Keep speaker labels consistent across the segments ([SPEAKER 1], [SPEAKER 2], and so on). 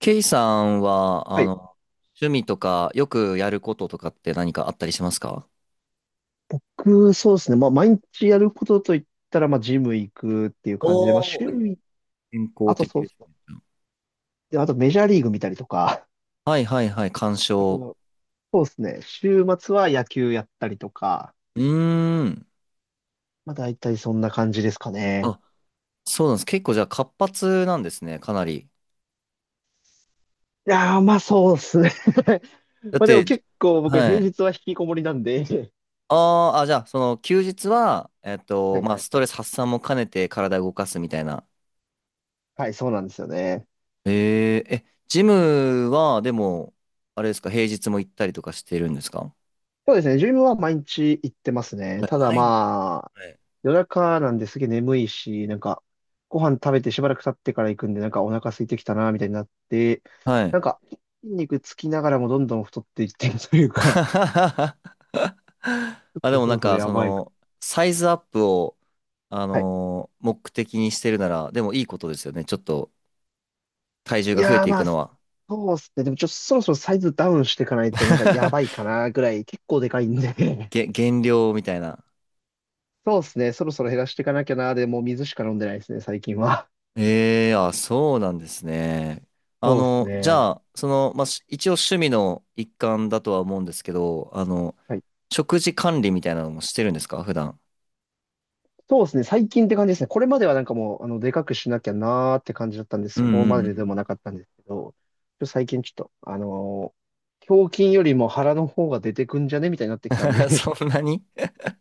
[SPEAKER 1] ケイさんは、
[SPEAKER 2] はい。
[SPEAKER 1] 趣味とか、よくやることとかって何かあったりしますか？
[SPEAKER 2] 僕、そうですね。まあ、毎日やることといったら、まあ、ジム行くっていう感じで、まあ、
[SPEAKER 1] おお
[SPEAKER 2] 週
[SPEAKER 1] ー、
[SPEAKER 2] に、
[SPEAKER 1] 健康
[SPEAKER 2] あと
[SPEAKER 1] 的
[SPEAKER 2] そう
[SPEAKER 1] で
[SPEAKER 2] で
[SPEAKER 1] す
[SPEAKER 2] すね。
[SPEAKER 1] ね。
[SPEAKER 2] で、あとメジャーリーグ見たりとか、
[SPEAKER 1] はいはいはい、鑑
[SPEAKER 2] あ
[SPEAKER 1] 賞。
[SPEAKER 2] と、そうですね。週末は野球やったりとか、
[SPEAKER 1] うーん。
[SPEAKER 2] まあ、大体そんな感じですかね。
[SPEAKER 1] あ、そうなんです。結構じゃあ活発なんですね、かなり。
[SPEAKER 2] いやー、まあ、そうですね。
[SPEAKER 1] だっ
[SPEAKER 2] まあ、でも
[SPEAKER 1] て、
[SPEAKER 2] 結構僕、
[SPEAKER 1] は
[SPEAKER 2] 平
[SPEAKER 1] い。
[SPEAKER 2] 日は引きこもりなんで、
[SPEAKER 1] あーあ、じゃあ、その休日は、
[SPEAKER 2] はい
[SPEAKER 1] まあ、
[SPEAKER 2] はい
[SPEAKER 1] スト
[SPEAKER 2] は
[SPEAKER 1] レ
[SPEAKER 2] い。
[SPEAKER 1] ス発散も兼ねて体動かすみたいな。
[SPEAKER 2] はい、そうなんですよね。
[SPEAKER 1] ジムは、でも、あれですか、平日も行ったりとかしてるんですか？
[SPEAKER 2] そうですね。ジムは毎日行ってます
[SPEAKER 1] は
[SPEAKER 2] ね。
[SPEAKER 1] い、
[SPEAKER 2] ただ
[SPEAKER 1] 毎日。
[SPEAKER 2] ま夜中なんですげえ眠いし、なんか、ご飯食べてしばらく経ってから行くんで、なんかお腹空いてきたな、みたいになって、
[SPEAKER 1] は
[SPEAKER 2] なん
[SPEAKER 1] い。
[SPEAKER 2] か、筋肉つきながらもどんどん太っていってるというか、
[SPEAKER 1] あ、
[SPEAKER 2] ちょ
[SPEAKER 1] で
[SPEAKER 2] っと
[SPEAKER 1] も
[SPEAKER 2] そ
[SPEAKER 1] な
[SPEAKER 2] ろ
[SPEAKER 1] ん
[SPEAKER 2] そろ
[SPEAKER 1] か、
[SPEAKER 2] や
[SPEAKER 1] そ
[SPEAKER 2] ばいか。
[SPEAKER 1] の、サイズアップを、
[SPEAKER 2] はい。
[SPEAKER 1] 目的にしてるなら、でもいいことですよね。ちょっと体重
[SPEAKER 2] い
[SPEAKER 1] が増え
[SPEAKER 2] やー
[SPEAKER 1] てい
[SPEAKER 2] ま
[SPEAKER 1] く
[SPEAKER 2] あ、
[SPEAKER 1] の
[SPEAKER 2] そ
[SPEAKER 1] は。
[SPEAKER 2] うっすね。でもちょっとそろそろサイズダウンしていかないと、なんかやば いかな、ぐらい、結構でかいんで。
[SPEAKER 1] 減量みたいな。
[SPEAKER 2] そうっすね。そろそろ減らしていかなきゃな、でもう水しか飲んでないですね、最近は。
[SPEAKER 1] ええ、あ、そうなんですね。
[SPEAKER 2] そうっす
[SPEAKER 1] じゃ
[SPEAKER 2] ね。
[SPEAKER 1] あ、まあ、一応趣味の一環だとは思うんですけど、
[SPEAKER 2] はい、
[SPEAKER 1] 食事管理みたいなのもしてるんですか、普段。
[SPEAKER 2] そうですね。最近って感じですね。これまではなんかもう、あの、でかくしなきゃなーって感じだったんで、
[SPEAKER 1] う
[SPEAKER 2] そ
[SPEAKER 1] ん
[SPEAKER 2] こ
[SPEAKER 1] う
[SPEAKER 2] まで
[SPEAKER 1] ん
[SPEAKER 2] でもなかったんですけど、最近ちょっと、あのー胸筋よりも腹の方が出てくんじゃねみたいになってきたん
[SPEAKER 1] うん。
[SPEAKER 2] で、
[SPEAKER 1] そんなに、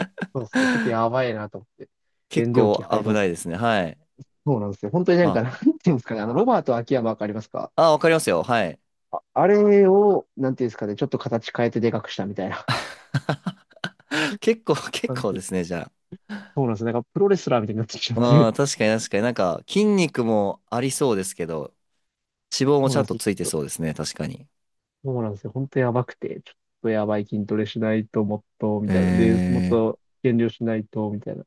[SPEAKER 2] そうそう、ちょっとやばいなと思って、
[SPEAKER 1] 結
[SPEAKER 2] 減量
[SPEAKER 1] 構
[SPEAKER 2] 期入
[SPEAKER 1] 危
[SPEAKER 2] ろう
[SPEAKER 1] ないで
[SPEAKER 2] か。
[SPEAKER 1] すね。はい。
[SPEAKER 2] そうなんですよ。本当になんか、
[SPEAKER 1] あ、
[SPEAKER 2] なんていうんですかね、あの、ロバート秋山わかりますか？
[SPEAKER 1] あ、わかりますよ。はい。
[SPEAKER 2] あ、あれを、なんていうんですかね、ちょっと形変えてでかくしたみたいな
[SPEAKER 1] 結構、結
[SPEAKER 2] 感
[SPEAKER 1] 構で
[SPEAKER 2] じ。
[SPEAKER 1] すね、じゃあ。
[SPEAKER 2] そうなんですね。なんかプロレスラーみたいになってきちゃっ
[SPEAKER 1] あ
[SPEAKER 2] て、
[SPEAKER 1] あ、確かに確かになんか筋肉もありそうですけど、脂肪も
[SPEAKER 2] そう
[SPEAKER 1] ち
[SPEAKER 2] なん
[SPEAKER 1] ゃん
[SPEAKER 2] で
[SPEAKER 1] とつい
[SPEAKER 2] す、
[SPEAKER 1] てそうですね、確かに。
[SPEAKER 2] そうなんですよ。本当やばくて、ちょっとやばい筋トレしないともっと、みたいな。で、もっ
[SPEAKER 1] え
[SPEAKER 2] と減量しないと、みたいな。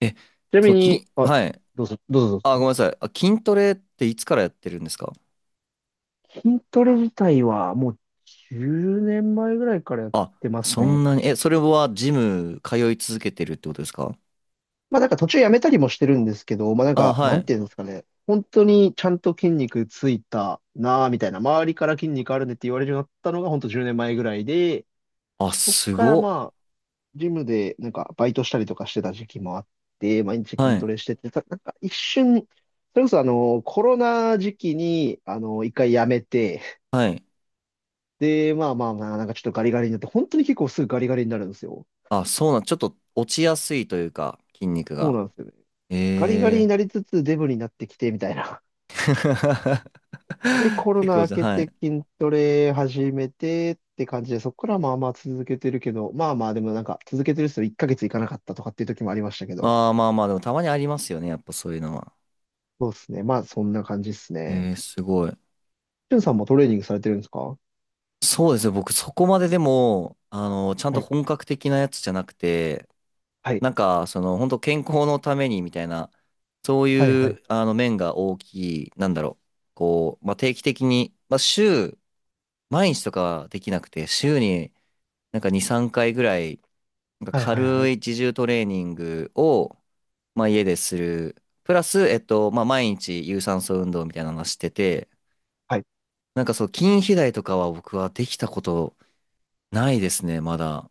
[SPEAKER 1] ー、え、
[SPEAKER 2] ちな
[SPEAKER 1] そ
[SPEAKER 2] み
[SPEAKER 1] う、
[SPEAKER 2] に、あ、
[SPEAKER 1] はい。
[SPEAKER 2] どうぞ、どうぞ
[SPEAKER 1] あ、
[SPEAKER 2] ど
[SPEAKER 1] ご
[SPEAKER 2] う
[SPEAKER 1] め
[SPEAKER 2] ぞ。
[SPEAKER 1] んなさい。あ、筋トレっていつからやってるんですか？
[SPEAKER 2] 筋トレ自体はもう10年前ぐらいからやっ
[SPEAKER 1] あ、
[SPEAKER 2] てます
[SPEAKER 1] そん
[SPEAKER 2] ね。
[SPEAKER 1] なに、え、それはジム通い続けてるってことですか？
[SPEAKER 2] まあなんか途中やめたりもしてるんですけど、まあなん
[SPEAKER 1] あ、
[SPEAKER 2] か、
[SPEAKER 1] は
[SPEAKER 2] なん
[SPEAKER 1] い。
[SPEAKER 2] ていうんですかね。本当にちゃんと筋肉ついたなぁ、みたいな。周りから筋肉あるねって言われるようになったのが本当10年前ぐらいで、
[SPEAKER 1] あ、
[SPEAKER 2] そっ
[SPEAKER 1] す
[SPEAKER 2] から
[SPEAKER 1] ごっ。
[SPEAKER 2] まあジムでなんかバイトしたりとかしてた時期もあって、毎日
[SPEAKER 1] は
[SPEAKER 2] 筋ト
[SPEAKER 1] い。
[SPEAKER 2] レしてて、たなんか一瞬、それこそあの、コロナ時期に、あの、一回やめて、
[SPEAKER 1] はい。
[SPEAKER 2] で、まあ、なんかちょっとガリガリになって、本当に結構すぐガリガリになるんですよ。
[SPEAKER 1] あ、そうなん、ちょっと落ちやすいというか、筋肉
[SPEAKER 2] そう
[SPEAKER 1] が。
[SPEAKER 2] なんですよね。ガリガリ
[SPEAKER 1] え
[SPEAKER 2] に
[SPEAKER 1] え
[SPEAKER 2] なりつつデブになってきて、みたいな。
[SPEAKER 1] ー。
[SPEAKER 2] で、コ ロ
[SPEAKER 1] 結
[SPEAKER 2] ナ
[SPEAKER 1] 構
[SPEAKER 2] 明
[SPEAKER 1] じゃ、
[SPEAKER 2] け
[SPEAKER 1] は
[SPEAKER 2] て
[SPEAKER 1] い。
[SPEAKER 2] 筋トレ始めてって感じで、そこからまあまあ続けてるけど、まあまあでもなんか続けてる人1ヶ月いかなかったとかっていう時もありましたけど、
[SPEAKER 1] ああ、まあまあ、でもたまにありますよね。やっぱそういうのは。
[SPEAKER 2] そうですね。まあそんな感じです
[SPEAKER 1] え
[SPEAKER 2] ね。
[SPEAKER 1] ー、すごい。
[SPEAKER 2] しゅんさんもトレーニングされてるんですか？は
[SPEAKER 1] そうですね。僕、そこまででも、ちゃんと
[SPEAKER 2] い。
[SPEAKER 1] 本格的なやつじゃなくて、
[SPEAKER 2] はい。
[SPEAKER 1] なんか、本当健康のためにみたいな、そう
[SPEAKER 2] はい。
[SPEAKER 1] い
[SPEAKER 2] はい。
[SPEAKER 1] う、面が大きい、なんだろう。こう、まあ、定期的に、まあ、毎日とかはできなくて、週になんか2、3回ぐらい、なんか
[SPEAKER 2] はいはいは
[SPEAKER 1] 軽
[SPEAKER 2] い。
[SPEAKER 1] い自重トレーニングを、まあ、家でする。プラス、まあ、毎日有酸素運動みたいなのはしてて、
[SPEAKER 2] はい。
[SPEAKER 1] なんかそう、筋肥大とかは僕はできたことないですね、まだ。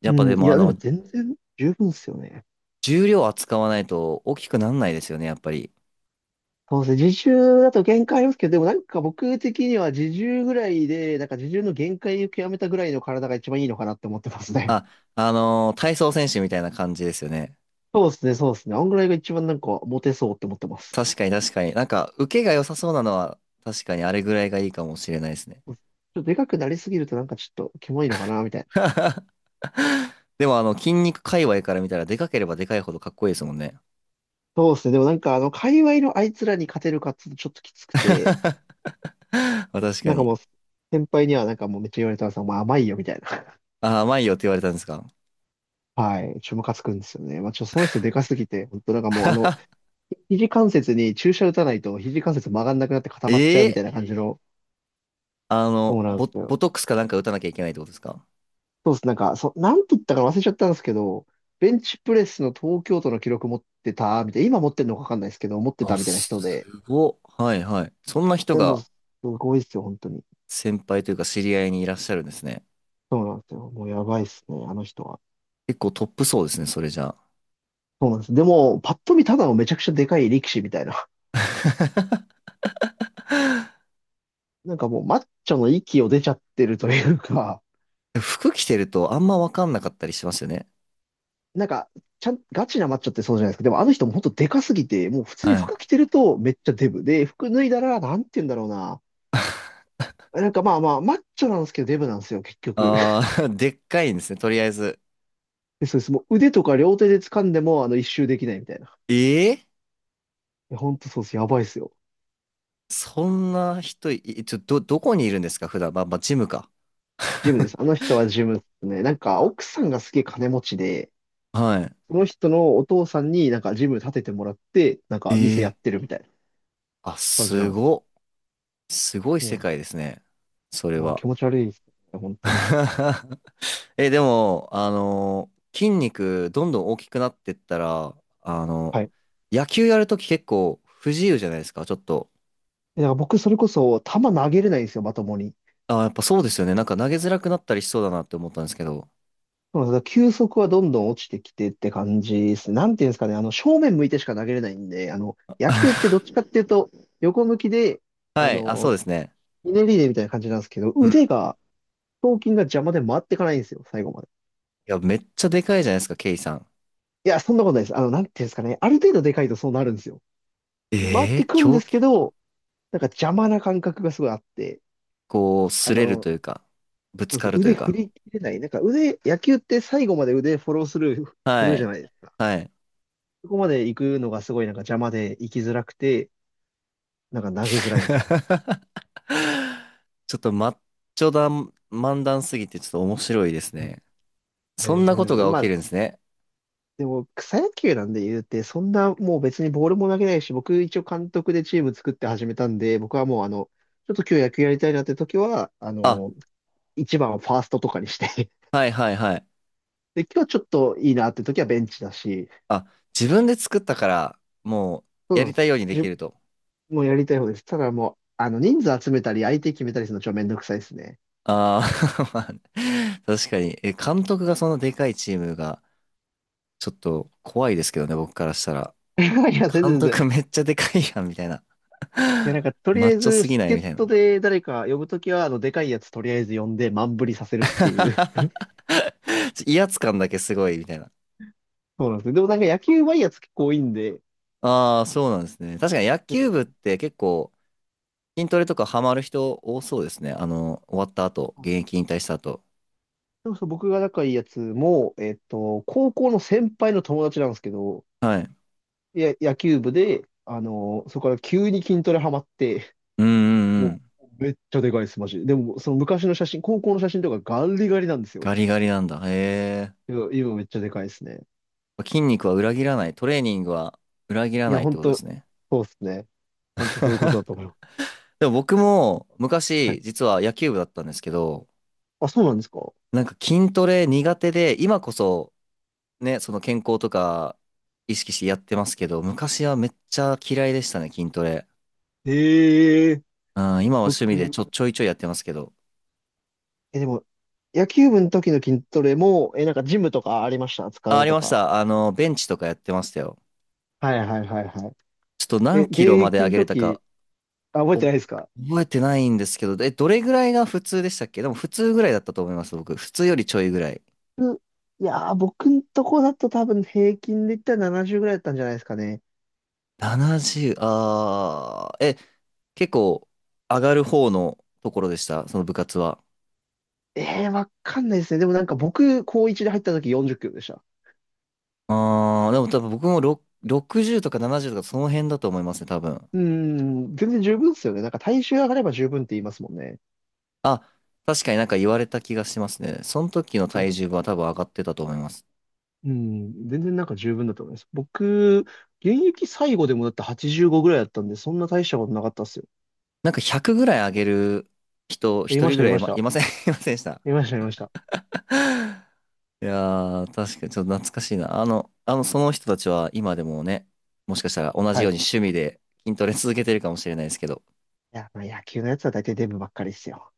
[SPEAKER 1] や
[SPEAKER 2] う
[SPEAKER 1] っぱ
[SPEAKER 2] ん。
[SPEAKER 1] で
[SPEAKER 2] い
[SPEAKER 1] も
[SPEAKER 2] や、でも全然十分ですよね。
[SPEAKER 1] 重量扱わないと大きくなんないですよね、やっぱり。
[SPEAKER 2] そうですね。自重だと限界ありますけど、でもなんか僕的には自重ぐらいで、なんか自重の限界を極めたぐらいの体が一番いいのかなって思ってますね。
[SPEAKER 1] あ、体操選手みたいな感じですよね。
[SPEAKER 2] そうですね。そうですね。あんぐらいが一番なんかモテそうって思ってます。
[SPEAKER 1] 確かに確かに。なんか、受けが良さそうなのは、確かにあれぐらいがいいかもしれないですね。
[SPEAKER 2] ちょっとでかくなりすぎるとなんかちょっとキモいのかなみたいな。
[SPEAKER 1] でも筋肉界隈から見たら、でかければでかいほどかっこいいですもんね。
[SPEAKER 2] そうですね。でもなんかあの、界隈のあいつらに勝てるかっていうとちょっときつくて、
[SPEAKER 1] まあ確か
[SPEAKER 2] なんかも
[SPEAKER 1] に。
[SPEAKER 2] う先輩にはなんかもうめっちゃ言われたんですよ。お前甘いよみたいな。
[SPEAKER 1] あ、甘いよって言われたんですか。
[SPEAKER 2] はい。ちょ、ムカつくんですよね。まあ、ちょ、その人でかすぎて、本当なんかもうあの、肘関節に注射打たないと肘関節曲がんなくなって固まっちゃうみた
[SPEAKER 1] え
[SPEAKER 2] い
[SPEAKER 1] え、
[SPEAKER 2] な感じの、そうなんですよ。
[SPEAKER 1] ボトックスかなんか打たなきゃいけないってことですか？
[SPEAKER 2] そうです。なんて言ったか忘れちゃったんですけど、ベンチプレスの東京都の記録持ってた、みたいな、今持ってるのかわかんないですけど、持って
[SPEAKER 1] あ、
[SPEAKER 2] たみたいな
[SPEAKER 1] す
[SPEAKER 2] 人で、
[SPEAKER 1] ごっ。はいはい。そんな人
[SPEAKER 2] え、もう、
[SPEAKER 1] が
[SPEAKER 2] すごいですよ、本当に。
[SPEAKER 1] 先輩というか知り合いにいらっしゃるんですね。
[SPEAKER 2] そうなんですよ。もうやばいっすね、あの人は。
[SPEAKER 1] 結構トップそうですね、それじゃ
[SPEAKER 2] そうなんです。でも、パッと見ただのめちゃくちゃでかい力士みたいな。
[SPEAKER 1] あ。
[SPEAKER 2] なんかもう、マッチョの域を出ちゃってるというか、
[SPEAKER 1] 服着てるとあんまわかんなかったりしますよね。
[SPEAKER 2] なんか、ちゃん、ガチなマッチョってそうじゃないですか。でもあの人も本当でかすぎて、もう普通に
[SPEAKER 1] はい。
[SPEAKER 2] 服着てるとめっちゃデブ。で、服脱いだら、なんて言うんだろうな。なんかまあまあ、マッチョなんですけどデブなんですよ、結局。
[SPEAKER 1] ああ、でっかいんですね、とりあえず。
[SPEAKER 2] で、そうです。もう腕とか両手で掴んでも、あの、一周できないみたいな。
[SPEAKER 1] ええ、
[SPEAKER 2] いや、本当そうです。やばいですよ。
[SPEAKER 1] そんな人い、いちょ、ど、どこにいるんですか、普段。まあ、まあ、ジムか。
[SPEAKER 2] ジムで す。あの人はジムですね。なんか、奥さんがすげえ金持ちで、
[SPEAKER 1] はい。
[SPEAKER 2] その人のお父さんになんかジム建ててもらって、なんか店や
[SPEAKER 1] ええ、
[SPEAKER 2] ってるみたいな
[SPEAKER 1] あ、
[SPEAKER 2] 感じな
[SPEAKER 1] す
[SPEAKER 2] んです。
[SPEAKER 1] ごっ。すごい
[SPEAKER 2] そう
[SPEAKER 1] 世
[SPEAKER 2] なんで
[SPEAKER 1] 界で
[SPEAKER 2] す。
[SPEAKER 1] すね。それ
[SPEAKER 2] あー、
[SPEAKER 1] は。
[SPEAKER 2] 気持ち悪いですね。本当に。
[SPEAKER 1] え、でも、筋肉どんどん大きくなってったら、あの
[SPEAKER 2] はい。
[SPEAKER 1] 野球やるとき結構不自由じゃないですか、ちょっと。
[SPEAKER 2] えだから僕、それこそ、球投げれないんですよ、まともに。
[SPEAKER 1] あ、やっぱそうですよね。なんか投げづらくなったりしそうだなって思ったんですけど。
[SPEAKER 2] そうなんです、だから球速はどんどん落ちてきてって感じですね。なんていうんですかね、あの、正面向いてしか投げれないんで、あの、野球ってどっちかっていうと、横向きで、あ
[SPEAKER 1] はい、あ、そう
[SPEAKER 2] の、
[SPEAKER 1] ですね。
[SPEAKER 2] ひねりでみたいな感じなんですけど、
[SPEAKER 1] うん。い
[SPEAKER 2] 腕が、頭筋が邪魔で回ってかないんですよ、最後まで。
[SPEAKER 1] や、めっちゃでかいじゃないですか、ケイさん。
[SPEAKER 2] いや、そんなことないです。あの、なんていうんですかね、ある程度でかいとそうなるんですよ。回っ
[SPEAKER 1] ええ、
[SPEAKER 2] てくんで
[SPEAKER 1] 狂
[SPEAKER 2] すけ
[SPEAKER 1] 気、
[SPEAKER 2] ど、なんか邪魔な感覚がすごいあって、
[SPEAKER 1] こう、
[SPEAKER 2] あ
[SPEAKER 1] 擦れる
[SPEAKER 2] の、
[SPEAKER 1] というか、ぶつ
[SPEAKER 2] そうで
[SPEAKER 1] か
[SPEAKER 2] す、
[SPEAKER 1] るとい
[SPEAKER 2] 腕
[SPEAKER 1] う
[SPEAKER 2] 振
[SPEAKER 1] か。
[SPEAKER 2] り切れない。なんか腕、野球って最後まで腕フォロースルー振
[SPEAKER 1] は
[SPEAKER 2] るじゃ
[SPEAKER 1] い。
[SPEAKER 2] ないですか。
[SPEAKER 1] はい。
[SPEAKER 2] そこまで行くのがすごいなんか邪魔で行きづらくて、なんか投げづらいんですよ。
[SPEAKER 1] ちょっとマッチョだ、漫談すぎてちょっと面白いです
[SPEAKER 2] うん。い
[SPEAKER 1] ね。
[SPEAKER 2] や
[SPEAKER 1] そ
[SPEAKER 2] い
[SPEAKER 1] ん
[SPEAKER 2] や、
[SPEAKER 1] な
[SPEAKER 2] 全
[SPEAKER 1] こ
[SPEAKER 2] 然
[SPEAKER 1] と
[SPEAKER 2] 全
[SPEAKER 1] が
[SPEAKER 2] 然ま
[SPEAKER 1] 起き
[SPEAKER 2] あ、
[SPEAKER 1] るんですね。
[SPEAKER 2] でも草野球なんで言うて、そんなもう別にボールも投げないし、僕一応監督でチーム作って始めたんで、僕はもうあの、ちょっと今日野球やりたいなって時は、あ
[SPEAKER 1] あ、
[SPEAKER 2] の、一番をファーストとかにして、
[SPEAKER 1] はいはいはい。
[SPEAKER 2] で、今日ちょっといいなって時はベンチだし、
[SPEAKER 1] あ、自分で作ったから、もう
[SPEAKER 2] そう
[SPEAKER 1] や
[SPEAKER 2] なん
[SPEAKER 1] り
[SPEAKER 2] です。
[SPEAKER 1] たいようにで
[SPEAKER 2] じ
[SPEAKER 1] き
[SPEAKER 2] ゅ
[SPEAKER 1] ると。
[SPEAKER 2] もうやりたい方です。ただもう、あの、人数集めたり、相手決めたりするのちょっとめんどくさいですね。
[SPEAKER 1] ああ、 まあね、確かに。え、監督がそのでかいチームが、ちょっと怖いですけどね、僕からしたら。
[SPEAKER 2] いや、全
[SPEAKER 1] 監
[SPEAKER 2] 然全
[SPEAKER 1] 督めっちゃでかいやん、みたいな。
[SPEAKER 2] いや、なん か、とり
[SPEAKER 1] マ
[SPEAKER 2] あ
[SPEAKER 1] ッ
[SPEAKER 2] え
[SPEAKER 1] チョ
[SPEAKER 2] ず、
[SPEAKER 1] すぎない、
[SPEAKER 2] 助っ
[SPEAKER 1] みたい
[SPEAKER 2] 人
[SPEAKER 1] な。
[SPEAKER 2] で誰か呼ぶときは、あの、でかいやつとりあえず呼んで、満振りさせるっていう。
[SPEAKER 1] 威圧感だけすごい、みたいな。
[SPEAKER 2] そうなんですね。でもなんか、野球はいやつ結構多いんで、
[SPEAKER 1] ああ、そうなんですね。確かに野
[SPEAKER 2] 全
[SPEAKER 1] 球部っ
[SPEAKER 2] 然。
[SPEAKER 1] て結構、筋トレとかハマる人多そうですね。終わった後、
[SPEAKER 2] そう
[SPEAKER 1] 現
[SPEAKER 2] そ
[SPEAKER 1] 役
[SPEAKER 2] う、
[SPEAKER 1] 引退した後。
[SPEAKER 2] でもそう僕が仲いいやつも、えっと、高校の先輩の友達なんですけど、
[SPEAKER 1] はい。
[SPEAKER 2] いや、野球部で、あの、そこから急に筋トレハマって、
[SPEAKER 1] うんうんう
[SPEAKER 2] も
[SPEAKER 1] ん。
[SPEAKER 2] う、めっちゃでかいです、マジで。でも、その昔の写真、高校の写真とかガリガリなんです
[SPEAKER 1] ガ
[SPEAKER 2] よ。
[SPEAKER 1] リガリなんだ。へえ。
[SPEAKER 2] いや今めっちゃでかいですね。
[SPEAKER 1] 筋肉は裏切らない。トレーニングは裏切ら
[SPEAKER 2] い
[SPEAKER 1] な
[SPEAKER 2] や、
[SPEAKER 1] いって
[SPEAKER 2] 本
[SPEAKER 1] ことで
[SPEAKER 2] 当
[SPEAKER 1] すね。
[SPEAKER 2] そうですね。本当そういうことだと思います。
[SPEAKER 1] でも僕も
[SPEAKER 2] はい。
[SPEAKER 1] 昔、実は野球部だったんですけど、
[SPEAKER 2] あ、そうなんですか？
[SPEAKER 1] なんか筋トレ苦手で、今こそね、その健康とか意識してやってますけど、昔はめっちゃ嫌いでしたね、筋トレ。
[SPEAKER 2] ええ。
[SPEAKER 1] うん、今は趣味で
[SPEAKER 2] 僕、
[SPEAKER 1] ちょいちょいやってますけど。
[SPEAKER 2] え、でも、野球部の時の筋トレも、え、なんかジムとかありました、使
[SPEAKER 1] あ、あ
[SPEAKER 2] う
[SPEAKER 1] り
[SPEAKER 2] と
[SPEAKER 1] まし
[SPEAKER 2] か。
[SPEAKER 1] た。ベンチとかやってましたよ。
[SPEAKER 2] はいはいはいは
[SPEAKER 1] ちょっと
[SPEAKER 2] い。え、
[SPEAKER 1] 何
[SPEAKER 2] 現
[SPEAKER 1] キロまで
[SPEAKER 2] 役
[SPEAKER 1] 上
[SPEAKER 2] の
[SPEAKER 1] げれたか
[SPEAKER 2] 時、あ、覚え
[SPEAKER 1] お
[SPEAKER 2] てないですか？
[SPEAKER 1] 覚えてないんですけど、どれぐらいが普通でしたっけ？でも普通ぐらいだったと思います、僕。普通よりちょいぐらい。
[SPEAKER 2] ういやー、僕んとこだと多分平均で言ったら70ぐらいだったんじゃないですかね。
[SPEAKER 1] 70、結構上がる方のところでした、その部活は。
[SPEAKER 2] えー、わかんないですね。でもなんか僕、高1で入った時40キロでした。
[SPEAKER 1] でも多分僕もろ60とか70とかその辺だと思いますね、多分。
[SPEAKER 2] うーん、全然十分ですよね。なんか体重上がれば十分って言いますもんね。
[SPEAKER 1] あ、確かになんか言われた気がしますね。その時の体重は多分上がってたと思います。
[SPEAKER 2] うん、全然なんか十分だと思います。僕、現役最後でもだって85ぐらいだったんで、そんな大したことなかったっすよ。
[SPEAKER 1] なんか100ぐらい上げる人、
[SPEAKER 2] 言い
[SPEAKER 1] 一
[SPEAKER 2] ま
[SPEAKER 1] 人
[SPEAKER 2] し
[SPEAKER 1] ぐ
[SPEAKER 2] た、言
[SPEAKER 1] ら
[SPEAKER 2] い
[SPEAKER 1] い
[SPEAKER 2] まし
[SPEAKER 1] い
[SPEAKER 2] た。
[SPEAKER 1] ません、 いませんでした。
[SPEAKER 2] 言いました、言いました。
[SPEAKER 1] いやー、確かにちょっと懐かしいな。その人たちは今でもね、もしかしたら同じ
[SPEAKER 2] はい。
[SPEAKER 1] よう
[SPEAKER 2] い
[SPEAKER 1] に趣味で筋トレ続けてるかもしれないですけど、
[SPEAKER 2] や、まあ野球のやつは大体デブばっかりっすよ。